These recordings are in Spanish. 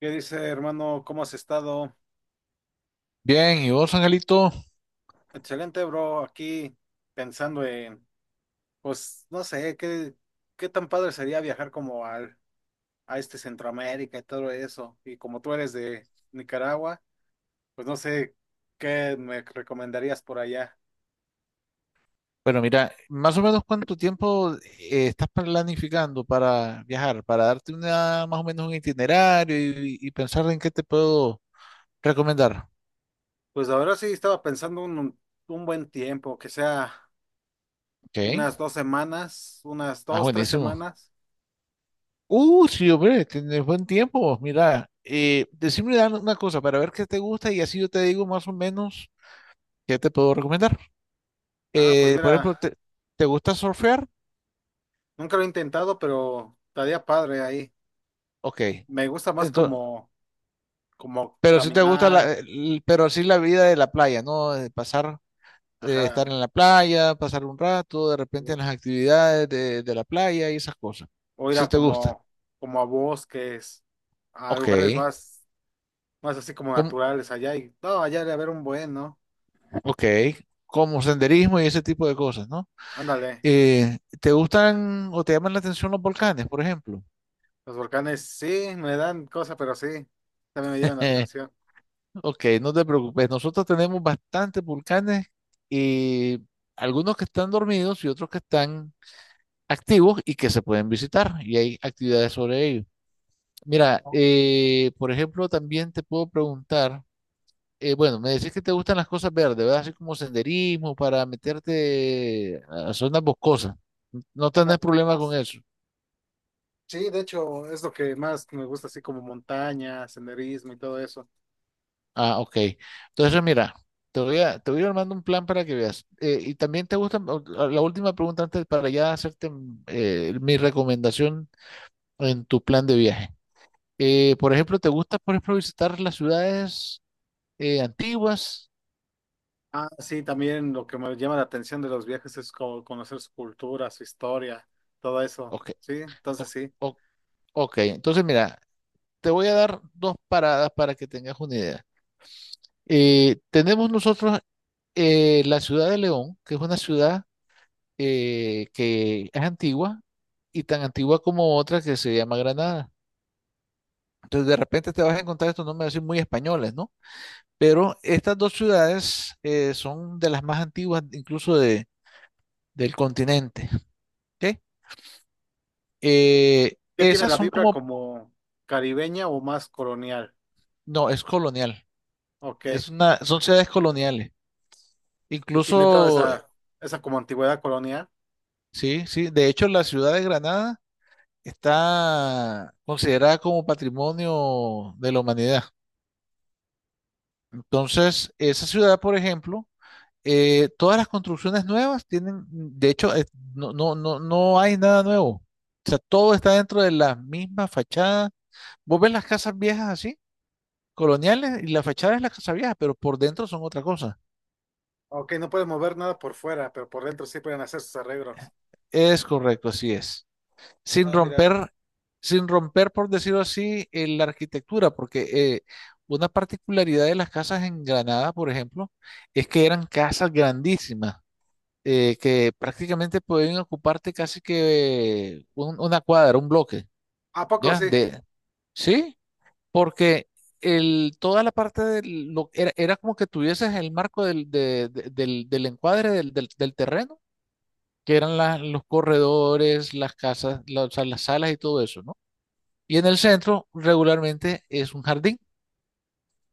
¿Qué dice, hermano? ¿Cómo has estado? Bien, ¿y vos, Angelito? Excelente, bro. Aquí pensando en, pues, no sé, qué tan padre sería viajar a este Centroamérica y todo eso. Y como tú eres de Nicaragua, pues no sé qué me recomendarías por allá. Bueno, mira, más o menos cuánto tiempo estás planificando para viajar, para darte una, más o menos un itinerario y pensar en qué te puedo recomendar. Pues la verdad sí estaba pensando un buen tiempo, que sea Ok, unas dos semanas, ah, tres buenísimo. semanas. Sí, hombre, tienes buen tiempo. Vos, mira, decime una cosa para ver qué te gusta y así yo te digo más o menos qué te puedo recomendar. Ah, pues Por mira, ejemplo, ¿te gusta surfear? nunca lo he intentado, pero estaría padre ahí. Ok, Me gusta más entonces, como pero si te gusta la, caminar, pero sí la vida de la playa, ¿no? De pasar ajá, estar en la playa, pasar un rato, de repente en o, las actividades de la playa y esas cosas. o ir a Si te gusta. como, como a bosques, a Ok. lugares más, más así como Como, naturales allá y no, allá debe haber un buen, ¿no? ok. Como senderismo y ese tipo de cosas, ¿no? Ándale, ¿Te gustan o te llaman la atención los volcanes, por ejemplo? los volcanes sí me dan cosa, pero sí, también me llevan la Eh, atención. Ok, no te preocupes. Nosotros tenemos bastantes volcanes y algunos que están dormidos y otros que están activos y que se pueden visitar y hay actividades sobre ellos. Mira, Oh, por ejemplo, también te puedo preguntar bueno, me decís que te gustan las cosas verdes, ¿verdad? Así como senderismo para meterte a zonas boscosas. No tenés ándale, y problema con más. eso. Sí, de hecho, es lo que más me gusta, así como montaña, senderismo y todo eso. Ah, ok. Entonces, mira, te voy a ir armando un plan para que veas. Y también te gusta, o la última pregunta antes para ya hacerte mi recomendación en tu plan de viaje. Por ejemplo, ¿te gusta, por ejemplo, visitar las ciudades antiguas? Ah, sí, también lo que me llama la atención de los viajes es como conocer su cultura, su historia, todo eso. Ok, Sí, entonces o- sí. o- ok. Entonces, mira, te voy a dar dos paradas para que tengas una idea. Tenemos nosotros la ciudad de León, que es una ciudad que es antigua y tan antigua como otra que se llama Granada. Entonces, de repente te vas a encontrar estos nombres así muy españoles, ¿no? Pero estas dos ciudades son de las más antiguas, incluso del continente. ¿Ok? ¿Qué tiene Esas la son vibra como, como caribeña o más colonial? no, es colonial. Ok, Es una, son ciudades coloniales. y tiene toda Incluso, esa como antigüedad colonial. sí, sí. De hecho, la ciudad de Granada está considerada como patrimonio de la humanidad. Entonces, esa ciudad, por ejemplo, todas las construcciones nuevas tienen, de hecho, no, no, no, no hay nada nuevo. O sea, todo está dentro de las mismas fachadas. Vos ves las casas viejas así, coloniales, y la fachada es la casa vieja, pero por dentro son otra cosa. Ok, no puede mover nada por fuera, pero por dentro sí pueden hacer sus arreglos. Es correcto, así es. sin Ah, mira. romper, Sin romper, por decirlo así, la arquitectura, porque eh, una particularidad de las casas en Granada, por ejemplo, es que eran casas grandísimas, que prácticamente podían ocuparte casi que una cuadra, un bloque, ¿A poco ¿ya? sí? De, sí, porque el, toda la parte de lo era, era como que tuvieses el marco del del encuadre del terreno, que eran los corredores, las casas, o sea, las salas y todo eso, ¿no? Y en el centro regularmente es un jardín.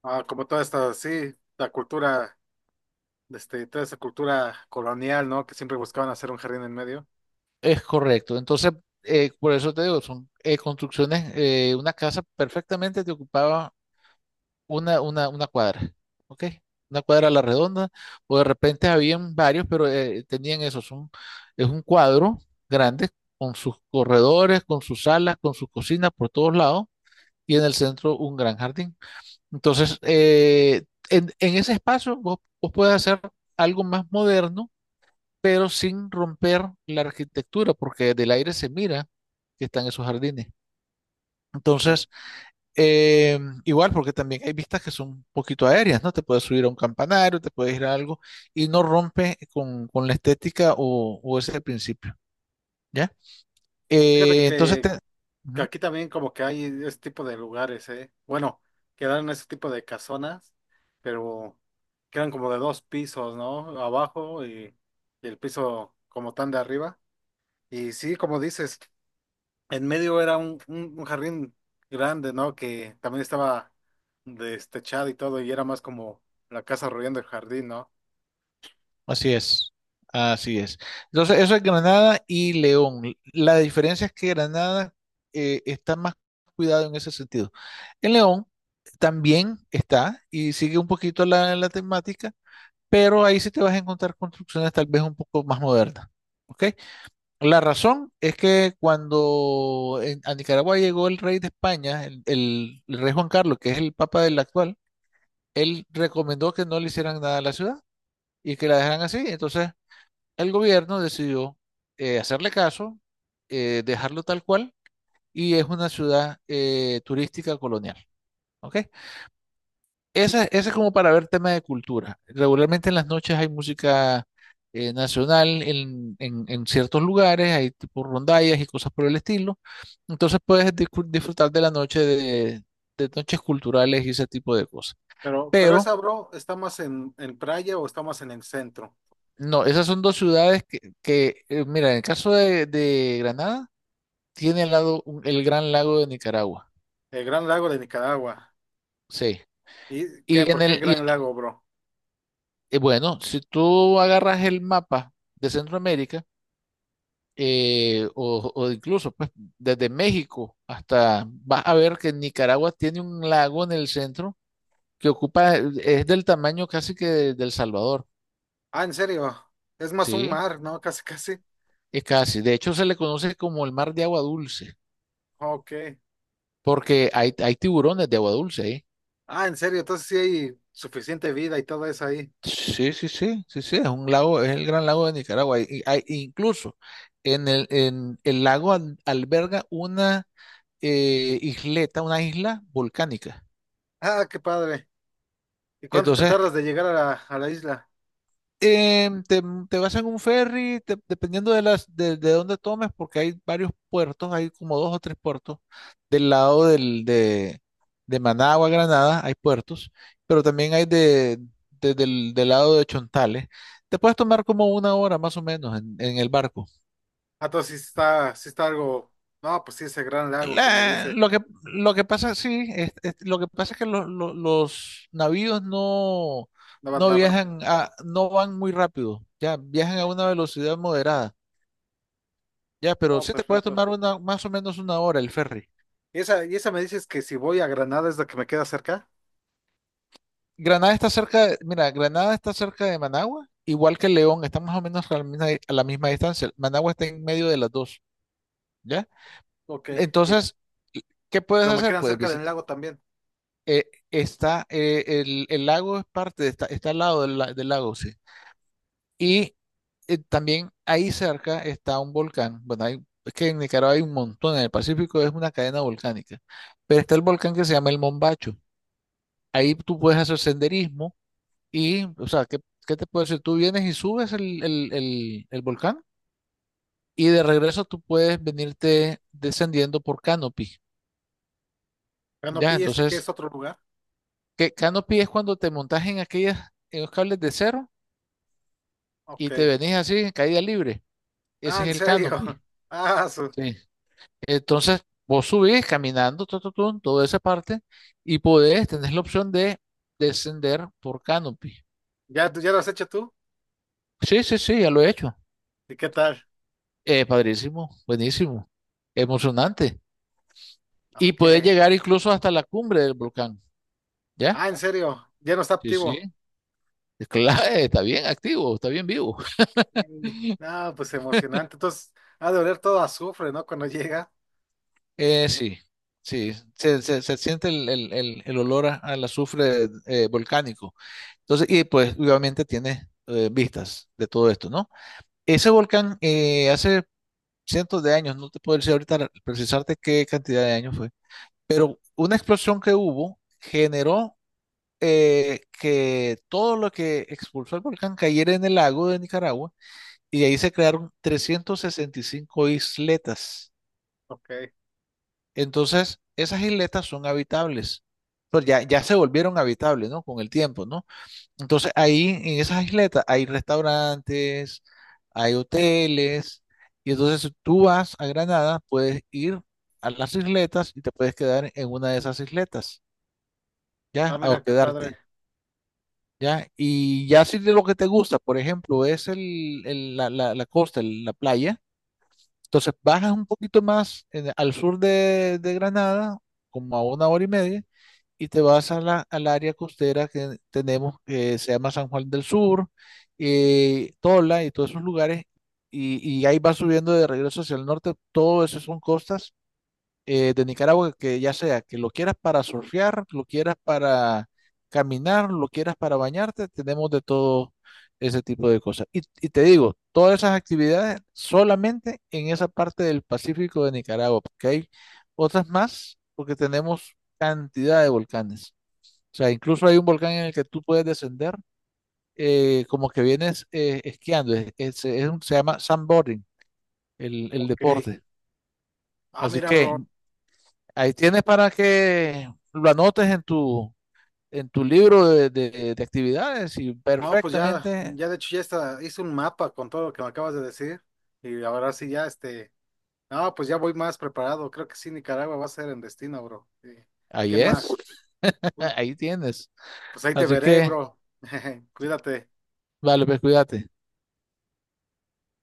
Ah, como toda esta, sí, la cultura, este, toda esa cultura colonial, ¿no? Que siempre buscaban hacer un jardín en medio. Es correcto. Entonces, por eso te digo, son construcciones, una casa perfectamente te ocupaba una cuadra, ¿ok? Una cuadra a la redonda, o de repente habían varios, pero tenían eso, son, es un cuadro grande con sus corredores, con sus salas, con sus cocinas por todos lados, y en el centro un gran jardín. Entonces, en ese espacio vos puedes hacer algo más moderno pero sin romper la arquitectura, porque del aire se mira que están esos jardines. Bien. Entonces, igual, porque también hay vistas que son un poquito aéreas, ¿no? Te puedes subir a un campanario, te puedes ir a algo, y no rompe con la estética o ese principio, ¿ya? Fíjate Entonces, que ujú. aquí también como que hay ese tipo de lugares, ¿eh? Bueno, quedaron ese tipo de casonas, pero quedan como de dos pisos, ¿no? Abajo y el piso como tan de arriba. Y sí, como dices, en medio era un jardín grande, ¿no? Que también estaba destechado y todo, y era más como la casa rodeando el jardín, ¿no? Así es, así es. Entonces, eso es Granada y León. La diferencia es que Granada está más cuidado en ese sentido. En León también está y sigue un poquito la temática, pero ahí sí te vas a encontrar construcciones tal vez un poco más modernas. ¿Ok? La razón es que cuando a Nicaragua llegó el rey de España, el rey Juan Carlos, que es el papa del actual, él recomendó que no le hicieran nada a la ciudad y que la dejaran así. Entonces, el gobierno decidió hacerle caso, dejarlo tal cual, y es una ciudad turística colonial. ¿Ok? Esa es como para ver tema de cultura. Regularmente en las noches hay música nacional en, en ciertos lugares, hay tipo rondallas y cosas por el estilo. Entonces puedes disfrutar de la noche de noches culturales y ese tipo de cosas. Pero Pero esa, bro, ¿está más en playa o está más en el centro? no, esas son dos ciudades que, mira, en el caso de Granada, tiene al lado el Gran Lago de Nicaragua. El Gran Lago de Nicaragua. Sí. ¿Y qué? Y ¿Por en qué el, y Gran en- Lago, bro? Bueno, si tú agarras el mapa de Centroamérica, o incluso pues, desde México hasta, vas a ver que Nicaragua tiene un lago en el centro que ocupa, es del tamaño casi que del Salvador, Ah, en serio. Es más un ¿sí? mar, ¿no? Casi, casi. Es casi. De hecho, se le conoce como el mar de agua dulce, Ok. porque hay tiburones de agua dulce ahí. Ah, en serio. Entonces sí hay suficiente vida y todo eso ahí. Sí, sí, sí, sí, sí, es un lago, es el gran lago de Nicaragua. Y hay, incluso en el lago alberga una isleta, una isla volcánica. Ah, qué padre. ¿Y cuánto te Entonces, tardas de llegar a a la isla? em, te, te vas en un ferry, dependiendo de las, de dónde tomes, porque hay varios puertos, hay como dos o tres puertos del lado de Managua, Granada, hay puertos, pero también hay del lado de Chontales. Te puedes tomar como una hora más o menos en el barco. Ah, entonces sí está algo. No, pues sí, ese gran lago que me La- dice. lo que, lo que pasa, sí, lo que pasa es que los navíos no, No va no tan rápido. viajan, no van muy rápido, ya, viajan Ok. a una velocidad moderada, ya, pero No, sí te puede perfecto. tomar una, más o menos una hora el ferry. Y esa me dices que si voy a Granada es la que me queda cerca? Granada está cerca, mira, Granada está cerca de Managua, igual que León, está más o menos a la misma distancia. Managua está en medio de las dos, ¿ya? Ok. Y Entonces, ¿qué puedes pero me hacer? quedan Puedes cerca del visitar, lago también. eh, está, el lago es parte, está, está al lado del, del lago, sí. Y también ahí cerca está un volcán. Bueno, es que en Nicaragua hay un montón, en el Pacífico es una cadena volcánica, pero está el volcán que se llama el Mombacho. Ahí tú puedes hacer senderismo y, o sea, qué te puedo decir? Tú vienes y subes el volcán y de regreso tú puedes venirte descendiendo por canopy. Ya, Canopy, este que entonces, es otro lugar. qué canopy es cuando te montas en aquellas, en los cables de cero Ok. y te venís así, en caída libre. Ah, Ese es en el canopy. serio. Ah, su- Sí. Entonces, vos subís caminando toda esa parte y podés, tenés la opción de descender por canopy. ¿Ya, ya lo has hecho tú? Sí, sí, sí, ya lo he hecho. ¿Y qué tal? Padrísimo, buenísimo, emocionante. Y puedes Ok. llegar incluso hasta la cumbre del volcán, ¿ya? Ah, en serio, ya no está Sí, sí. activo. Claro, está bien activo, está bien vivo. Ey. No, pues emocionante. Entonces, ha de oler todo a azufre, ¿no? Cuando llega. Sí, sí, se siente el olor al azufre volcánico. Entonces, y pues obviamente tiene vistas de todo esto, ¿no? Ese volcán hace cientos de años, no te puedo decir ahorita precisarte qué cantidad de años fue, pero una explosión que hubo generó que todo lo que expulsó el volcán cayera en el lago de Nicaragua y ahí se crearon 365 isletas. Ok. Entonces, esas isletas son habitables, pues ya, ya se volvieron habitables, ¿no? Con el tiempo, ¿no? Entonces ahí en esas isletas hay restaurantes, hay hoteles, y entonces si tú vas a Granada, puedes ir a las isletas y te puedes quedar en una de esas isletas, Ah, ya, a mira, qué padre. hospedarte, ya. Y ya si de lo que te gusta, por ejemplo, es la costa, la playa, entonces bajas un poquito más al sur de Granada, como a una hora y media, y te vas a la, al área costera que tenemos, que se llama San Juan del Sur, Tola y todos esos lugares, y ahí vas subiendo de regreso hacia el norte, todo eso son costas, de Nicaragua que ya sea que lo quieras para surfear, lo quieras para caminar, lo quieras para bañarte, tenemos de todo ese tipo de cosas. Y te digo, todas esas actividades solamente en esa parte del Pacífico de Nicaragua, porque hay otras más, porque tenemos cantidad de volcanes. O sea, incluso hay un volcán en el que tú puedes descender como que vienes esquiando. Se llama sandboarding, el Ok. deporte. Ah, Así mira, que bro. ahí tienes para que lo anotes en en tu libro de actividades y No, pues ya, perfectamente ya de hecho ya está, hice un mapa con todo lo que me acabas de decir. Y ahora sí ya, este. No, pues ya voy más preparado. Creo que sí, Nicaragua va a ser en destino, bro. Sí. ¿Qué ahí es. más? Uy, Ahí tienes. pues ahí te Así veré, que, bro. Cuídate. vale, pues cuídate.